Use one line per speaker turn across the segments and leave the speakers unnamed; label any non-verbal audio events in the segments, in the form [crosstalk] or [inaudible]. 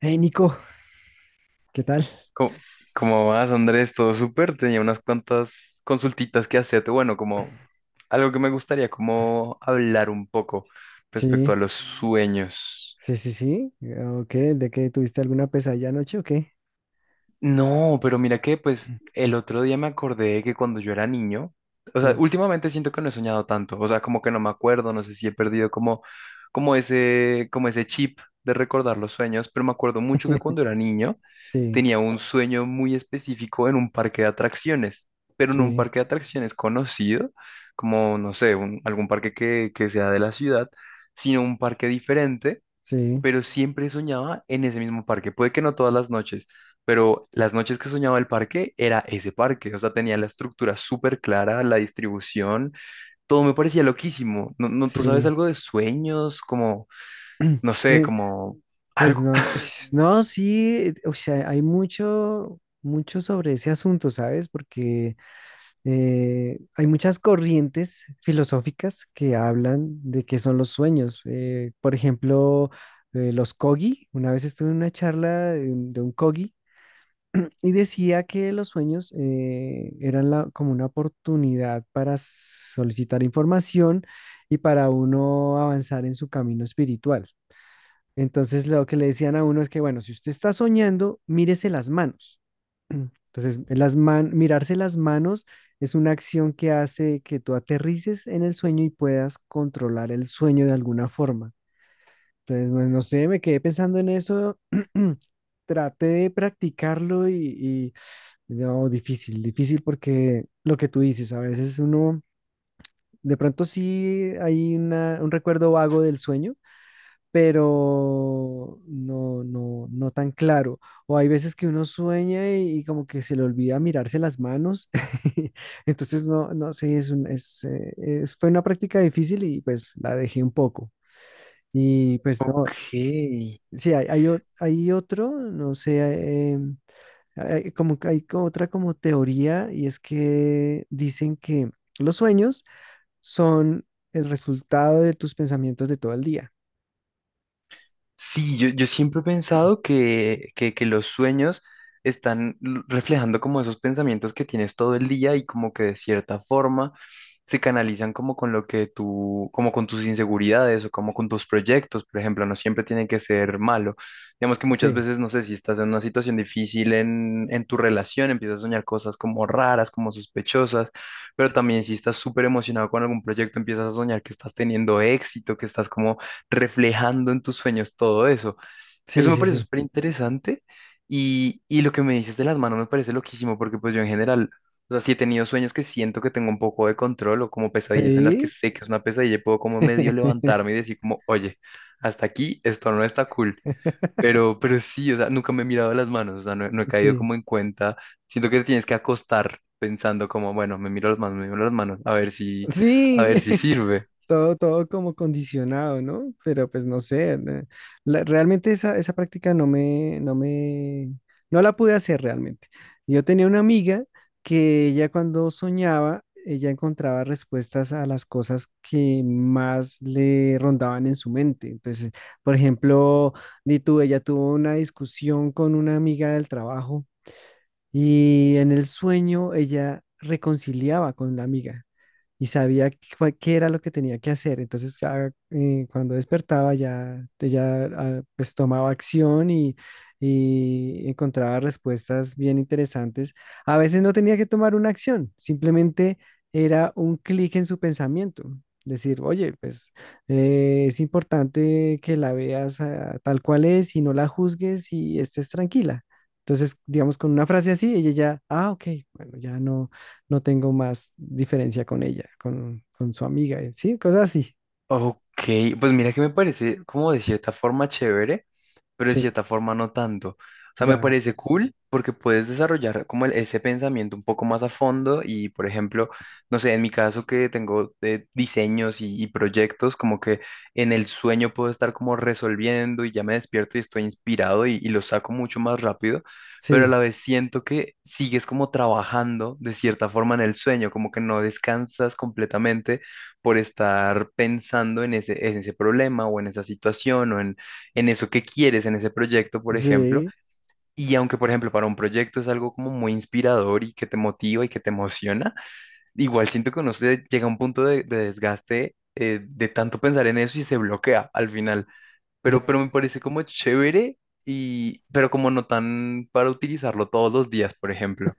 Hey Nico, ¿qué tal?
Co- ¿Cómo vas, Andrés? ¿Todo súper? Tenía unas cuantas consultitas que hacerte. Bueno, como algo que me gustaría, como hablar un poco respecto
Sí,
a los sueños.
sí, sí, sí. ¿O qué? ¿De qué tuviste alguna pesadilla anoche o qué?
No, pero mira que pues
[clears throat]
el otro día me acordé que cuando yo era niño, o sea,
Sí,
últimamente siento que no he soñado tanto, o sea, como que no me acuerdo, no sé si he perdido como, como ese chip de recordar los sueños, pero me acuerdo mucho que
[laughs]
cuando era niño
sí,
tenía un sueño muy específico en un parque de atracciones, pero en un
sí,
parque de atracciones conocido, como, no sé, algún parque que sea de la ciudad, sino un parque diferente,
sí,
pero siempre soñaba en ese mismo parque. Puede que no todas las noches, pero las noches que soñaba el parque era ese parque, o sea, tenía la estructura súper clara, la distribución, todo me parecía loquísimo. No, no, ¿tú sabes
sí,
algo de sueños? Como, no sé,
sí.
como
Pues
algo.
no, [sighs] no, sí, o sea, hay mucho, mucho sobre ese asunto, ¿sabes? Porque hay muchas corrientes filosóficas que hablan de qué son los sueños. Por ejemplo, los Kogi, una vez estuve en una charla de un Kogi. Y decía que los sueños eran como una oportunidad para solicitar información y para uno avanzar en su camino espiritual. Entonces lo que le decían a uno es que, bueno, si usted está soñando, mírese las manos. [clears throat] Entonces, mirarse las manos es una acción que hace que tú aterrices en el sueño y puedas controlar el sueño de alguna forma. Entonces, pues, no sé, me quedé pensando en eso. [clears throat] Traté de practicarlo y no, difícil, difícil, porque lo que tú dices, a veces uno, de pronto sí hay un recuerdo vago del sueño, pero no, no, no tan claro. O hay veces que uno sueña y como que se le olvida mirarse las manos. [laughs] Entonces, no, no sé, es un- es- fue una práctica difícil y pues la dejé un poco. Y pues no,
Ok.
sí, hay otro, no sé, em, hay como que hay otra como teoría, y es que dicen que los sueños son el resultado de tus pensamientos de todo el día.
Sí, yo siempre he pensado que los sueños están reflejando como esos pensamientos que tienes todo el día y como que de cierta forma se canalizan como con lo que tú, como con tus inseguridades o como con tus proyectos, por ejemplo, no siempre tienen que ser malo. Digamos que muchas
Sí,
veces, no sé, si estás en una situación difícil en tu relación, empiezas a soñar cosas como raras, como sospechosas, pero también si estás súper emocionado con algún proyecto, empiezas a soñar que estás teniendo éxito, que estás como reflejando en tus sueños todo eso. Eso
sí,
me
sí, sí,
parece
sí.
súper interesante y lo que me dices de las manos me parece loquísimo porque pues yo en general, o sea, si he tenido sueños que siento que tengo un poco de control o como pesadillas en las que
Sí.
sé que es una pesadilla y puedo como medio levantarme y
[laughs]
decir como, oye, hasta aquí esto no está cool. Pero sí, o sea, nunca me he mirado las manos, o sea, no, no he caído
Sí.
como en cuenta. Siento que te tienes que acostar pensando como, bueno, me miro las manos, me miro las manos, a
Sí.
ver si
[laughs]
sirve.
Todo, todo como condicionado, ¿no? Pero pues no sé, realmente esa práctica no la pude hacer realmente. Yo tenía una amiga que ella cuando soñaba, ella encontraba respuestas a las cosas que más le rondaban en su mente. Entonces, por ejemplo, di tú, ella tuvo una discusión con una amiga del trabajo y en el sueño ella reconciliaba con la amiga y sabía qué era lo que tenía que hacer. Entonces, ya, cuando despertaba, ya, ya, pues tomaba acción y encontraba respuestas bien interesantes. A veces no tenía que tomar una acción, simplemente era un clic en su pensamiento. Decir, oye, pues es importante que la veas, tal cual es, y no la juzgues y estés tranquila. Entonces, digamos, con una frase así, ella ya, ok, bueno, ya no tengo más diferencia con ella, con, su amiga, sí, cosas así.
Ok, pues mira que me parece como de cierta forma chévere, pero de
Sí,
cierta forma no tanto. O sea, me
ya,
parece cool porque puedes desarrollar como ese pensamiento un poco más a fondo y, por ejemplo, no sé, en mi caso que tengo diseños y proyectos, como que en el sueño puedo estar como resolviendo y ya me despierto y estoy inspirado y lo saco mucho más rápido, pero a
sí,
la vez siento que sigues como trabajando de cierta forma en el sueño, como que no descansas completamente por estar pensando en ese problema o en esa situación o en eso que quieres, en ese proyecto, por ejemplo.
sí,
Y aunque, por ejemplo, para un proyecto es algo como muy inspirador y que te motiva y que te emociona, igual siento que uno se llega a un punto de desgaste de tanto pensar en eso y se bloquea al final. Pero me
ya.
parece como chévere y, pero como no tan para utilizarlo todos los días, por ejemplo.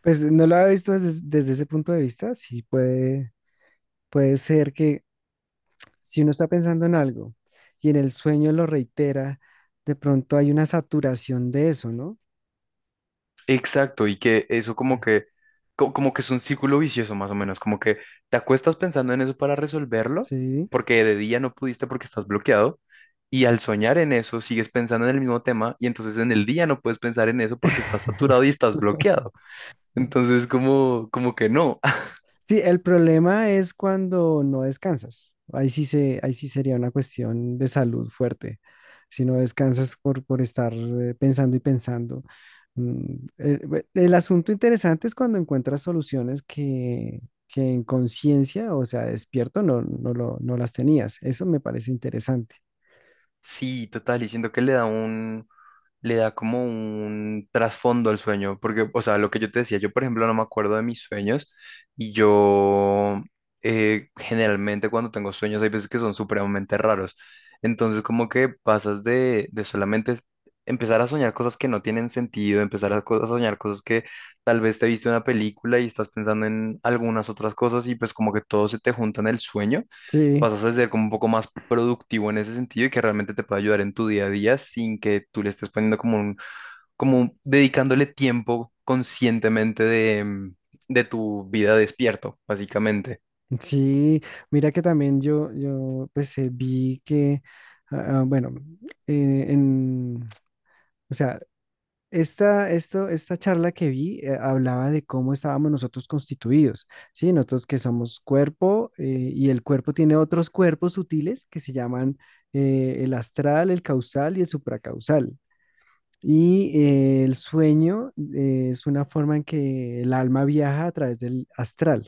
Pues no lo había visto desde, ese punto de vista. Sí puede, ser que si uno está pensando en algo y en el sueño lo reitera, de pronto hay una saturación de eso, ¿no?
Exacto, y que eso como que es un círculo vicioso más o menos, como que te acuestas pensando en eso para resolverlo,
Sí.
porque de día no pudiste porque estás bloqueado, y al soñar en eso sigues pensando en el mismo tema, y entonces en el día no puedes pensar en eso porque estás
[laughs]
saturado y estás bloqueado. Entonces como, como que no. [laughs]
Sí, el problema es cuando no descansas. Ahí sí sería una cuestión de salud fuerte. Si no descansas por, estar pensando y pensando. El asunto interesante es cuando encuentras soluciones que en conciencia, o sea, despierto, no, no, no las tenías. Eso me parece interesante.
Sí, total, y siento que le da como un trasfondo al sueño, porque, o sea, lo que yo te decía, yo por ejemplo no me acuerdo de mis sueños y yo generalmente cuando tengo sueños hay veces que son supremamente raros, entonces como que pasas de solamente empezar a soñar cosas que no tienen sentido, empezar a soñar cosas que tal vez te viste una película y estás pensando en algunas otras cosas y pues como que todo se te junta en el sueño.
Sí,
Pasas a ser como un poco más productivo en ese sentido y que realmente te pueda ayudar en tu día a día sin que tú le estés poniendo dedicándole tiempo conscientemente de, de tu vida despierto, básicamente.
sí. Mira que también yo, pues vi que, bueno, eh, en, o sea, esta charla que vi hablaba de cómo estábamos nosotros constituidos, ¿sí? Nosotros que somos cuerpo, y el cuerpo tiene otros cuerpos sutiles que se llaman, el astral, el causal y el supracausal. Y el sueño es una forma en que el alma viaja a través del astral.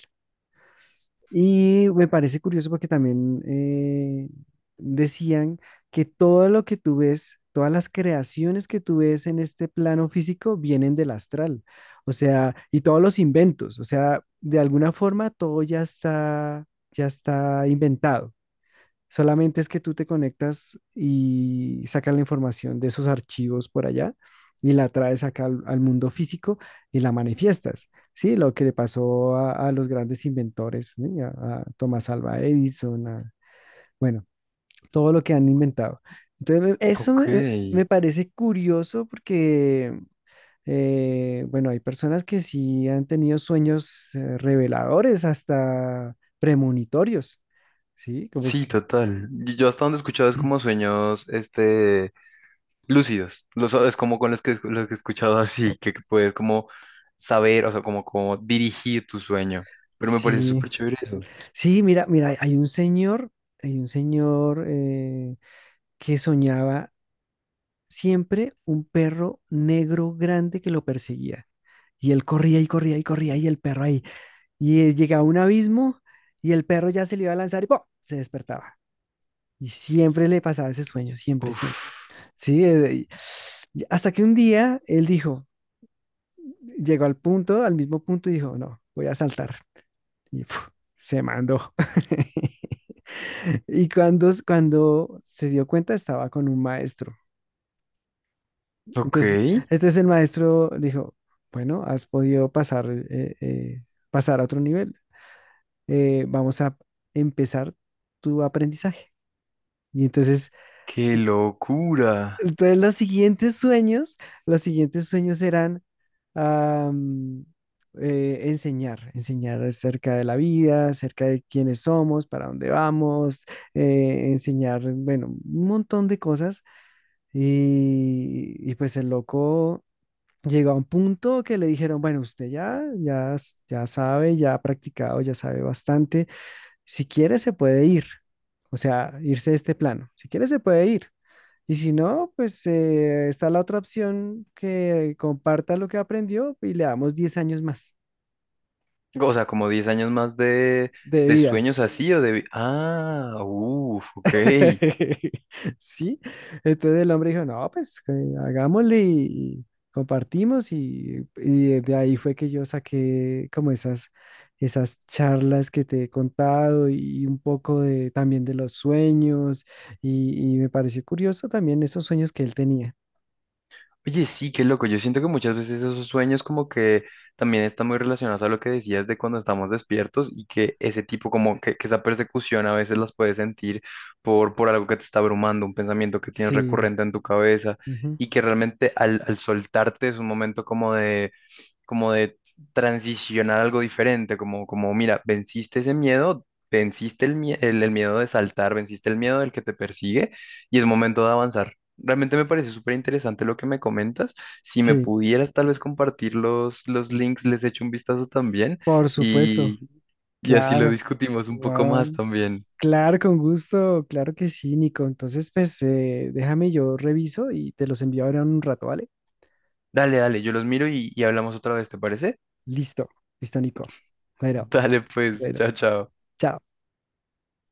Y me parece curioso porque también decían que todo lo que tú ves, todas las creaciones que tú ves en este plano físico vienen del astral, o sea, y todos los inventos, o sea, de alguna forma todo ya está inventado. Solamente es que tú te conectas y sacas la información de esos archivos por allá y la traes acá al, mundo físico, y la manifiestas. Sí, lo que le pasó a, los grandes inventores, ¿sí? A, Thomas Alva Edison, bueno, todo lo que han inventado. Entonces, eso
Ok,
me parece curioso porque, bueno, hay personas que sí han tenido sueños reveladores, hasta premonitorios, ¿sí? Como
sí,
que
total. Y yo hasta donde he escuchado es como sueños, este, lúcidos. Es como con los que, he escuchado así, que puedes como saber, o sea, como, como dirigir tu sueño. Pero me parece
sí.
súper chévere eso.
Sí, mira, mira, hay un señor, que soñaba siempre un perro negro grande que lo perseguía. Y él corría y corría y corría, y el perro ahí. Y él llegaba a un abismo y el perro ya se le iba a lanzar, y ¡pum!, se despertaba. Y siempre le pasaba ese sueño, siempre, siempre.
Uf,
Sí, y hasta que un día él dijo, llegó al punto, al mismo punto, y dijo, no, voy a saltar. Y ¡fu!, se mandó. [laughs] Y cuando, se dio cuenta, estaba con un maestro.
ok.
Entonces, entonces, el maestro le dijo, bueno, has podido pasar, pasar a otro nivel. Vamos a empezar tu aprendizaje. Y entonces,
Qué locura.
entonces los siguientes sueños, eran, am, enseñar, acerca de la vida, acerca de quiénes somos, para dónde vamos, enseñar, bueno, un montón de cosas. Y pues el loco llegó a un punto que le dijeron, bueno, usted ya, ya sabe, ya ha practicado, ya sabe bastante. Si quiere, se puede ir. O sea, irse de este plano. Si quiere, se puede ir. Y si no, pues está la otra opción, que comparta lo que aprendió y le damos 10 años más
O sea, como 10 años más
de
de
vida.
sueños así o Ah, uff, ok.
[laughs] Sí, entonces el hombre dijo, no, pues que hagámosle, y compartimos, y de ahí fue que yo saqué como esas, charlas que te he contado y un poco de, también de los sueños, y me pareció curioso también esos sueños que él tenía.
Oye, sí, qué loco. Yo siento que muchas veces esos sueños como que también están muy relacionados a lo que decías de cuando estamos despiertos y que ese tipo como que esa persecución a veces las puedes sentir por algo que te está abrumando, un pensamiento que tienes
Sí,
recurrente en tu cabeza
ujú,
y que realmente al soltarte es un momento como de transicionar algo diferente, como, mira, venciste ese miedo, venciste el miedo de saltar, venciste el miedo del que te persigue y es momento de avanzar. Realmente me parece súper interesante lo que me comentas. Si me
sí,
pudieras tal vez compartir los links, les echo un vistazo también
por supuesto,
y, y así lo
claro.
discutimos un poco más
Guau.
también.
Claro, con gusto, claro que sí, Nico. Entonces, pues déjame, yo reviso y te los envío ahora en un rato, ¿vale?
Dale, dale, yo los miro y hablamos otra vez, ¿te parece?
Listo, listo, Nico.
[laughs]
Bueno,
Dale, pues,
bueno,
chao, chao.
chao.